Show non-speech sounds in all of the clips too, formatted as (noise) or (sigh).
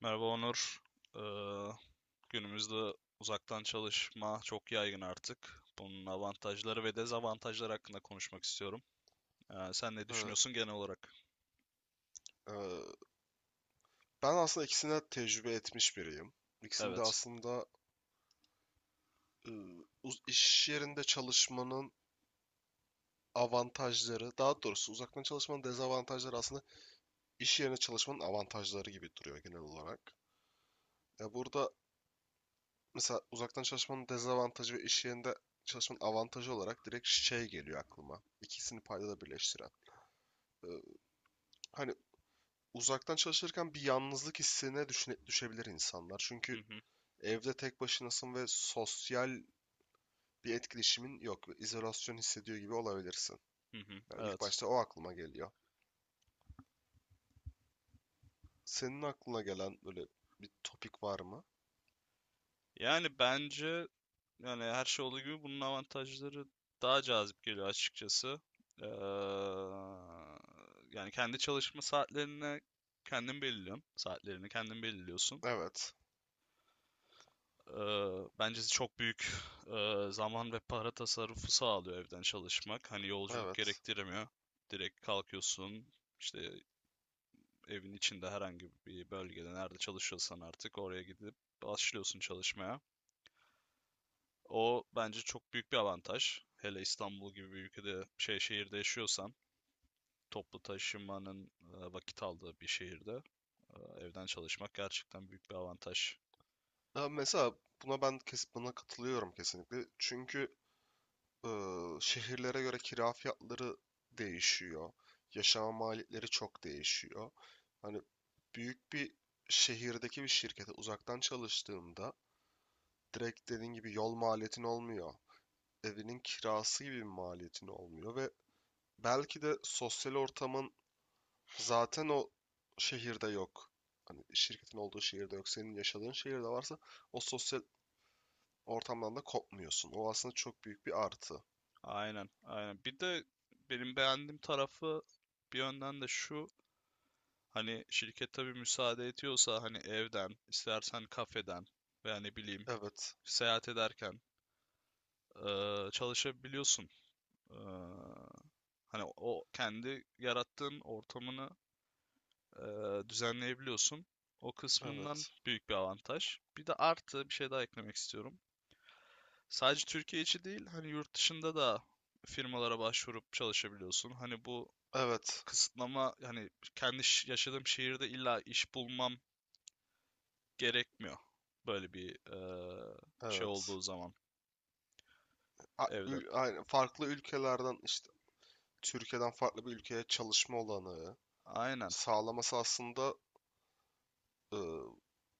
Merhaba Onur. Ee, günümüzde uzaktan çalışma çok yaygın artık. Bunun avantajları ve dezavantajları hakkında konuşmak istiyorum. Sen ne Ee, düşünüyorsun genel olarak? e, Ben aslında ikisini de tecrübe etmiş biriyim. İkisini de Evet. aslında e, iş yerinde çalışmanın avantajları, daha doğrusu uzaktan çalışmanın dezavantajları aslında iş yerine çalışmanın avantajları gibi duruyor genel olarak. Ya burada mesela uzaktan çalışmanın dezavantajı ve iş yerinde çalışmanın avantajı olarak direkt şey geliyor aklıma. İkisini paydada birleştiren. Ee, Hani uzaktan çalışırken bir yalnızlık hissine düşebilir insanlar. Hı Çünkü hı, evde tek başınasın ve sosyal bir etkileşimin yok. İzolasyon hissediyor gibi olabilirsin. hı hı, Ya ilk evet. başta o aklıma geliyor. Senin aklına gelen böyle bir topik var mı? Yani bence yani her şey olduğu gibi bunun avantajları daha cazip geliyor açıkçası. Ee, yani kendi çalışma saatlerine kendin belirliyorsun. Saatlerini kendin belirliyorsun. Evet. Bence çok büyük zaman ve para tasarrufu sağlıyor evden çalışmak. Hani yolculuk Evet. gerektirmiyor. Direkt kalkıyorsun, işte evin içinde herhangi bir bölgede nerede çalışıyorsan artık oraya gidip başlıyorsun çalışmaya. O bence çok büyük bir avantaj. Hele İstanbul gibi bir ülkede, şey şehirde yaşıyorsan, toplu taşımanın vakit aldığı bir şehirde eee, evden çalışmak gerçekten büyük bir avantaj. Ya mesela buna katılıyorum kesinlikle. Çünkü şehirlere göre kira fiyatları değişiyor. Yaşama maliyetleri çok değişiyor. Hani büyük bir şehirdeki bir şirkete uzaktan çalıştığımda direkt dediğin gibi yol maliyetin olmuyor. Evinin kirası gibi bir maliyetin olmuyor ve belki de sosyal ortamın zaten o şehirde yok. Hani şirketin olduğu şehirde yok. Senin yaşadığın şehirde varsa o sosyal ortamdan da kopmuyorsun. O aslında çok büyük bir artı. Aynen, aynen. Bir de benim beğendiğim tarafı bir yönden de şu, hani şirket tabii müsaade ediyorsa hani evden, istersen kafeden veya ne bileyim Evet. seyahat ederken çalışabiliyorsun. Eee, hani o kendi yarattığın ortamını düzenleyebiliyorsun. O kısmından Evet. büyük bir avantaj. Bir de artı bir şey daha eklemek istiyorum. Sadece Türkiye içi değil, hani yurt dışında da firmalara başvurup çalışabiliyorsun. Hani bu Evet. kısıtlama hani kendi yaşadığım şehirde illa iş bulmam gerekmiyor. Böyle bir şey Evet. olduğu zaman evden. Aynen. Farklı ülkelerden işte Türkiye'den farklı bir ülkeye çalışma olanağı Aynen. sağlaması aslında, ıı,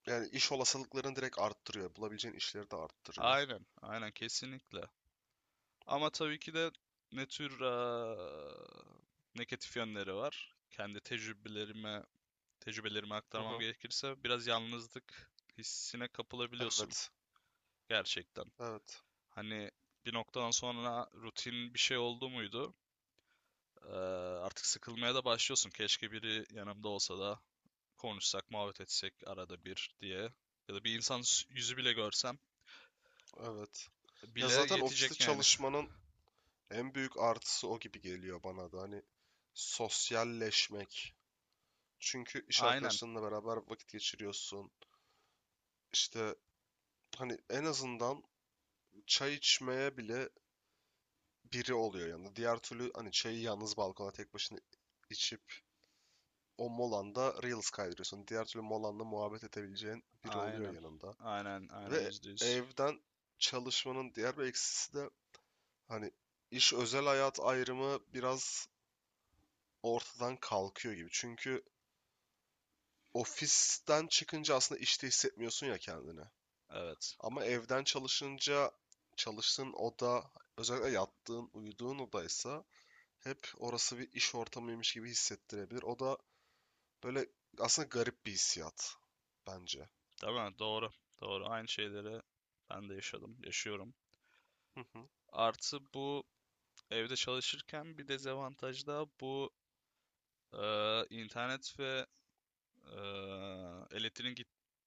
yani iş olasılıklarını direkt arttırıyor. Bulabileceğin işleri de arttırıyor. Aynen. Aynen kesinlikle. Ama tabii ki de ne tür negatif yönleri var. Kendi tecrübelerimi Hı aktarmam hı. gerekirse biraz yalnızlık hissine kapılabiliyorsun Evet. gerçekten. Evet. Hani bir noktadan sonra rutin bir şey oldu muydu? Ee, artık sıkılmaya da başlıyorsun. Keşke biri yanımda olsa da konuşsak, muhabbet etsek arada bir diye. Ya da bir insan yüzü bile görsem Evet. Ya bile zaten ofiste yetecek yani. çalışmanın en büyük artısı o gibi geliyor bana da. Hani sosyalleşmek. Çünkü iş Aynen, arkadaşlarınla beraber vakit geçiriyorsun. İşte hani en azından çay içmeye bile biri oluyor yanında. Diğer türlü hani çayı yalnız balkona tek başına içip o molanda Reels kaydırıyorsun. Diğer türlü molanla muhabbet edebileceğin biri oluyor aynen, yanında. aynen, aynen Ve %100. evden çalışmanın diğer bir eksisi de hani iş özel hayat ayrımı biraz ortadan kalkıyor gibi. Çünkü ofisten çıkınca aslında işte hissetmiyorsun ya kendini. Evet, Ama evden çalışınca çalıştığın oda, özellikle yattığın, uyuduğun odaysa hep orası bir iş ortamıymış gibi hissettirebilir. O da böyle aslında garip bir hissiyat bence. tamam, doğru, doğru. Aynı şeyleri ben de yaşadım, yaşıyorum. Hı hı. Artı bu evde çalışırken bir dezavantaj da bu internet ve elektriğin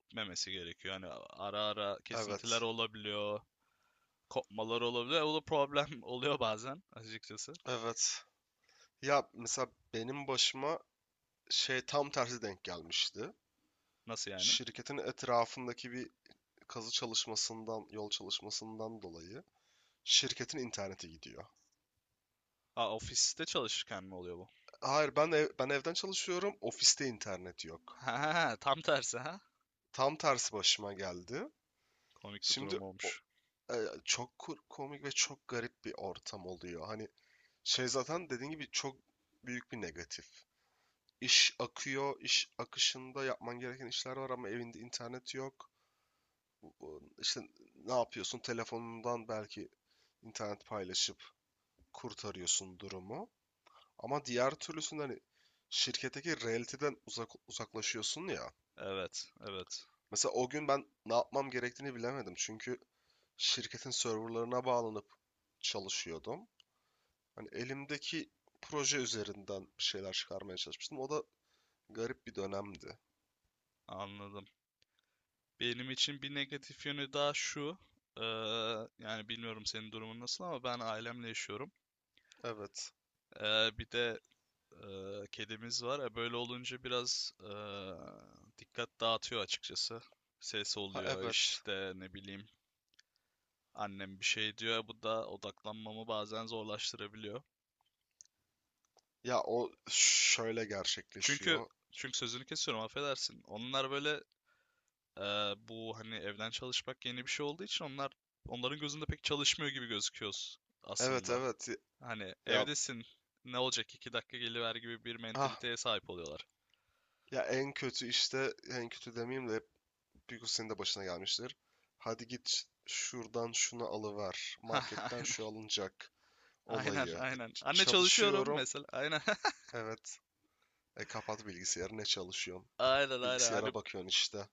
gitmemesi gerekiyor. Yani ara ara kesintiler Evet. olabiliyor. Kopmalar olabiliyor. O da problem (laughs) oluyor bazen açıkçası. Evet. Ya mesela benim başıma şey tam tersi denk gelmişti. Nasıl yani? Şirketin etrafındaki bir kazı çalışmasından, yol çalışmasından dolayı. Şirketin interneti gidiyor. Aa, ofiste çalışırken mi oluyor bu? Hayır, ben evden çalışıyorum. Ofiste internet yok. Ha, tam tersi ha. Tam tersi başıma geldi. Komik bir Şimdi durum o- olmuş. e, Çok komik ve çok garip bir ortam oluyor. Hani şey zaten dediğin gibi çok büyük bir negatif. İş akıyor, iş akışında yapman gereken işler var ama evinde internet yok. İşte ne yapıyorsun? Telefonundan belki internet paylaşıp kurtarıyorsun durumu. Ama diğer türlüsünde hani şirketteki realiteden uzak, uzaklaşıyorsun ya. Evet, evet. Mesela o gün ben ne yapmam gerektiğini bilemedim. Çünkü şirketin serverlarına bağlanıp çalışıyordum. Hani elimdeki proje üzerinden bir şeyler çıkarmaya çalışmıştım. O da garip bir dönemdi. Anladım. Benim için bir negatif yönü daha şu. Yani bilmiyorum senin durumun nasıl ama ben ailemle yaşıyorum. Evet. Bir de kedimiz var. Böyle olunca biraz dikkat dağıtıyor açıkçası. Ses Ha, oluyor evet. işte ne bileyim. Annem bir şey diyor, bu da odaklanmamı bazen zorlaştırabiliyor. Ya o şöyle Çünkü gerçekleşiyor. çünkü sözünü kesiyorum, affedersin. Onlar böyle bu hani evden çalışmak yeni bir şey olduğu için onların gözünde pek çalışmıyor gibi gözüküyoruz Evet, aslında. evet. Hani Ya evdesin, ne olacak 2 dakika geliver gibi bir ha mentaliteye sahip oluyorlar. ya en kötü işte, en kötü demeyeyim de, büyük senin de başına gelmiştir. Hadi git şuradan şunu alıver. Marketten şu (laughs) alınacak Aynen, olayı. aynen, aynen. Anne çalışıyorum Çalışıyorum. mesela. Aynen, Evet. E, kapat bilgisayarı. Ne çalışıyorsun? (laughs) aynen, aynen. Hani, Bilgisayara bakıyorsun işte.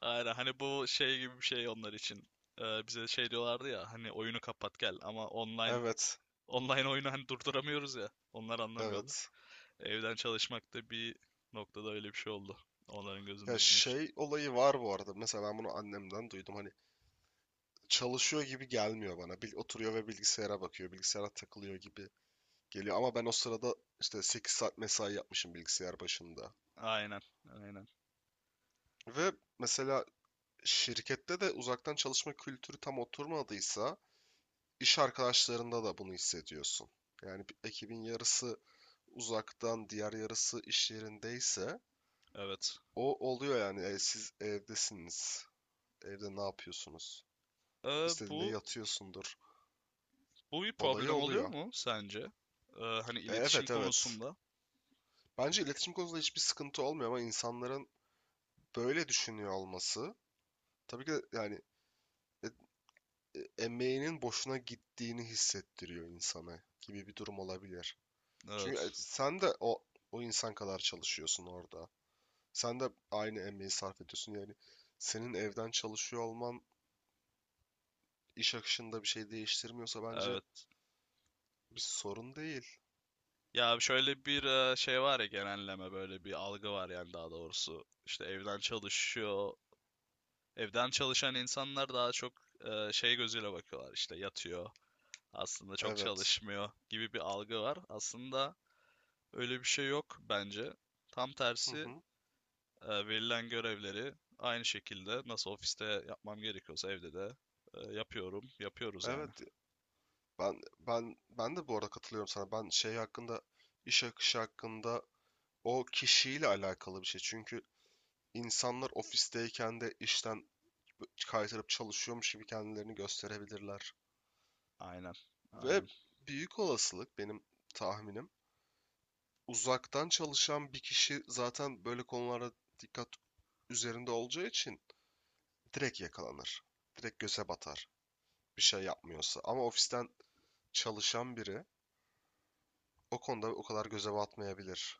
aynen. Hani bu şey gibi bir şey onlar için. Bize şey diyorlardı ya hani oyunu kapat gel ama online Evet. Online oyunu hani durduramıyoruz ya. Onlar anlamıyordu. Evet. Evden çalışmak da bir noktada öyle bir şey oldu. Onların Ya gözünde bizim için. şey olayı var bu arada. Mesela ben bunu annemden duydum. Hani çalışıyor gibi gelmiyor bana. Bil oturuyor ve bilgisayara bakıyor. Bilgisayara takılıyor gibi geliyor. Ama ben o sırada işte 8 saat mesai yapmışım bilgisayar başında. Aynen, aynen. Ve mesela şirkette de uzaktan çalışma kültürü tam oturmadıysa iş arkadaşlarında da bunu hissediyorsun. Yani bir ekibin yarısı uzaktan, diğer yarısı iş yerindeyse Evet. o oluyor yani. E, siz evdesiniz. Evde ne yapıyorsunuz? Ee, İstediğinde bu yatıyorsundur. bu bir Olayı problem oluyor oluyor. mu sence? Hani E, iletişim evet, evet. konusunda. Bence iletişim konusunda hiçbir sıkıntı olmuyor ama insanların böyle düşünüyor olması tabii ki de yani e- emeğinin boşuna gittiğini hissettiriyor insana gibi bir durum olabilir. Çünkü e, Evet. sen de o insan kadar çalışıyorsun orada. Sen de aynı emeği sarf ediyorsun. Yani senin evden çalışıyor olman iş akışında bir şey değiştirmiyorsa bence Evet. bir sorun değil. Ya şöyle bir şey var ya, genelleme böyle bir algı var yani daha doğrusu. İşte evden çalışıyor. Evden çalışan insanlar daha çok şey gözüyle bakıyorlar, işte yatıyor aslında çok Evet. çalışmıyor gibi bir algı var. Aslında öyle bir şey yok bence. Tam Hı tersi hı. Verilen görevleri aynı şekilde nasıl ofiste yapmam gerekiyorsa evde de yapıyoruz yani. Evet. Ben de bu arada katılıyorum sana. Ben şey hakkında, iş akışı hakkında, o kişiyle alakalı bir şey. Çünkü insanlar ofisteyken de işten kaytarıp çalışıyormuş gibi kendilerini gösterebilirler. Aynen, Ve aynen, büyük olasılık benim tahminim, uzaktan çalışan bir kişi zaten böyle konulara dikkat üzerinde olacağı için direkt yakalanır. Direkt göze batar. Bir şey yapmıyorsa. Ama ofisten çalışan biri o konuda o kadar göze batmayabilir.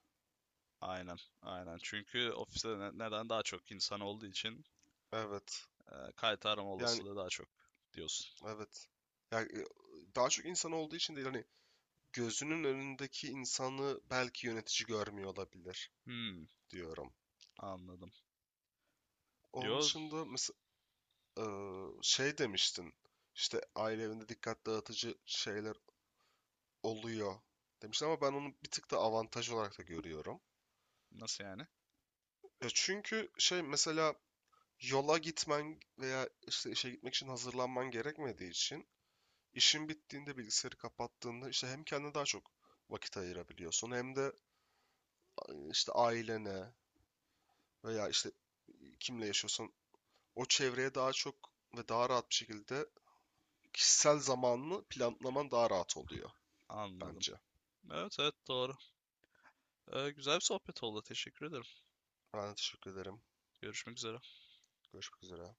aynen, aynen. Çünkü ofiste neden daha çok insan olduğu için Evet. e, kayıt arama Yani olasılığı daha çok diyorsun. evet. Yani e, daha çok insan olduğu için değil, hani gözünün önündeki insanı belki yönetici görmüyor olabilir Hmm, diyorum. anladım. Onun Yo, dışında mesela şey demiştin. İşte aile evinde dikkat dağıtıcı şeyler oluyor demiştim ama ben onu bir tık da avantaj olarak da görüyorum. nasıl yani? Ya çünkü şey mesela yola gitmen veya işte işe gitmek için hazırlanman gerekmediği için işin bittiğinde, bilgisayarı kapattığında, işte hem kendine daha çok vakit ayırabiliyorsun hem de e, işte ailene veya işte kimle yaşıyorsan o çevreye daha çok ve daha rahat bir şekilde kişisel zamanını planlaman daha rahat oluyor Anladım. bence. Evet, evet doğru. Güzel bir sohbet oldu. Teşekkür ederim. Ben de teşekkür ederim. Görüşmek üzere. Görüşmek üzere.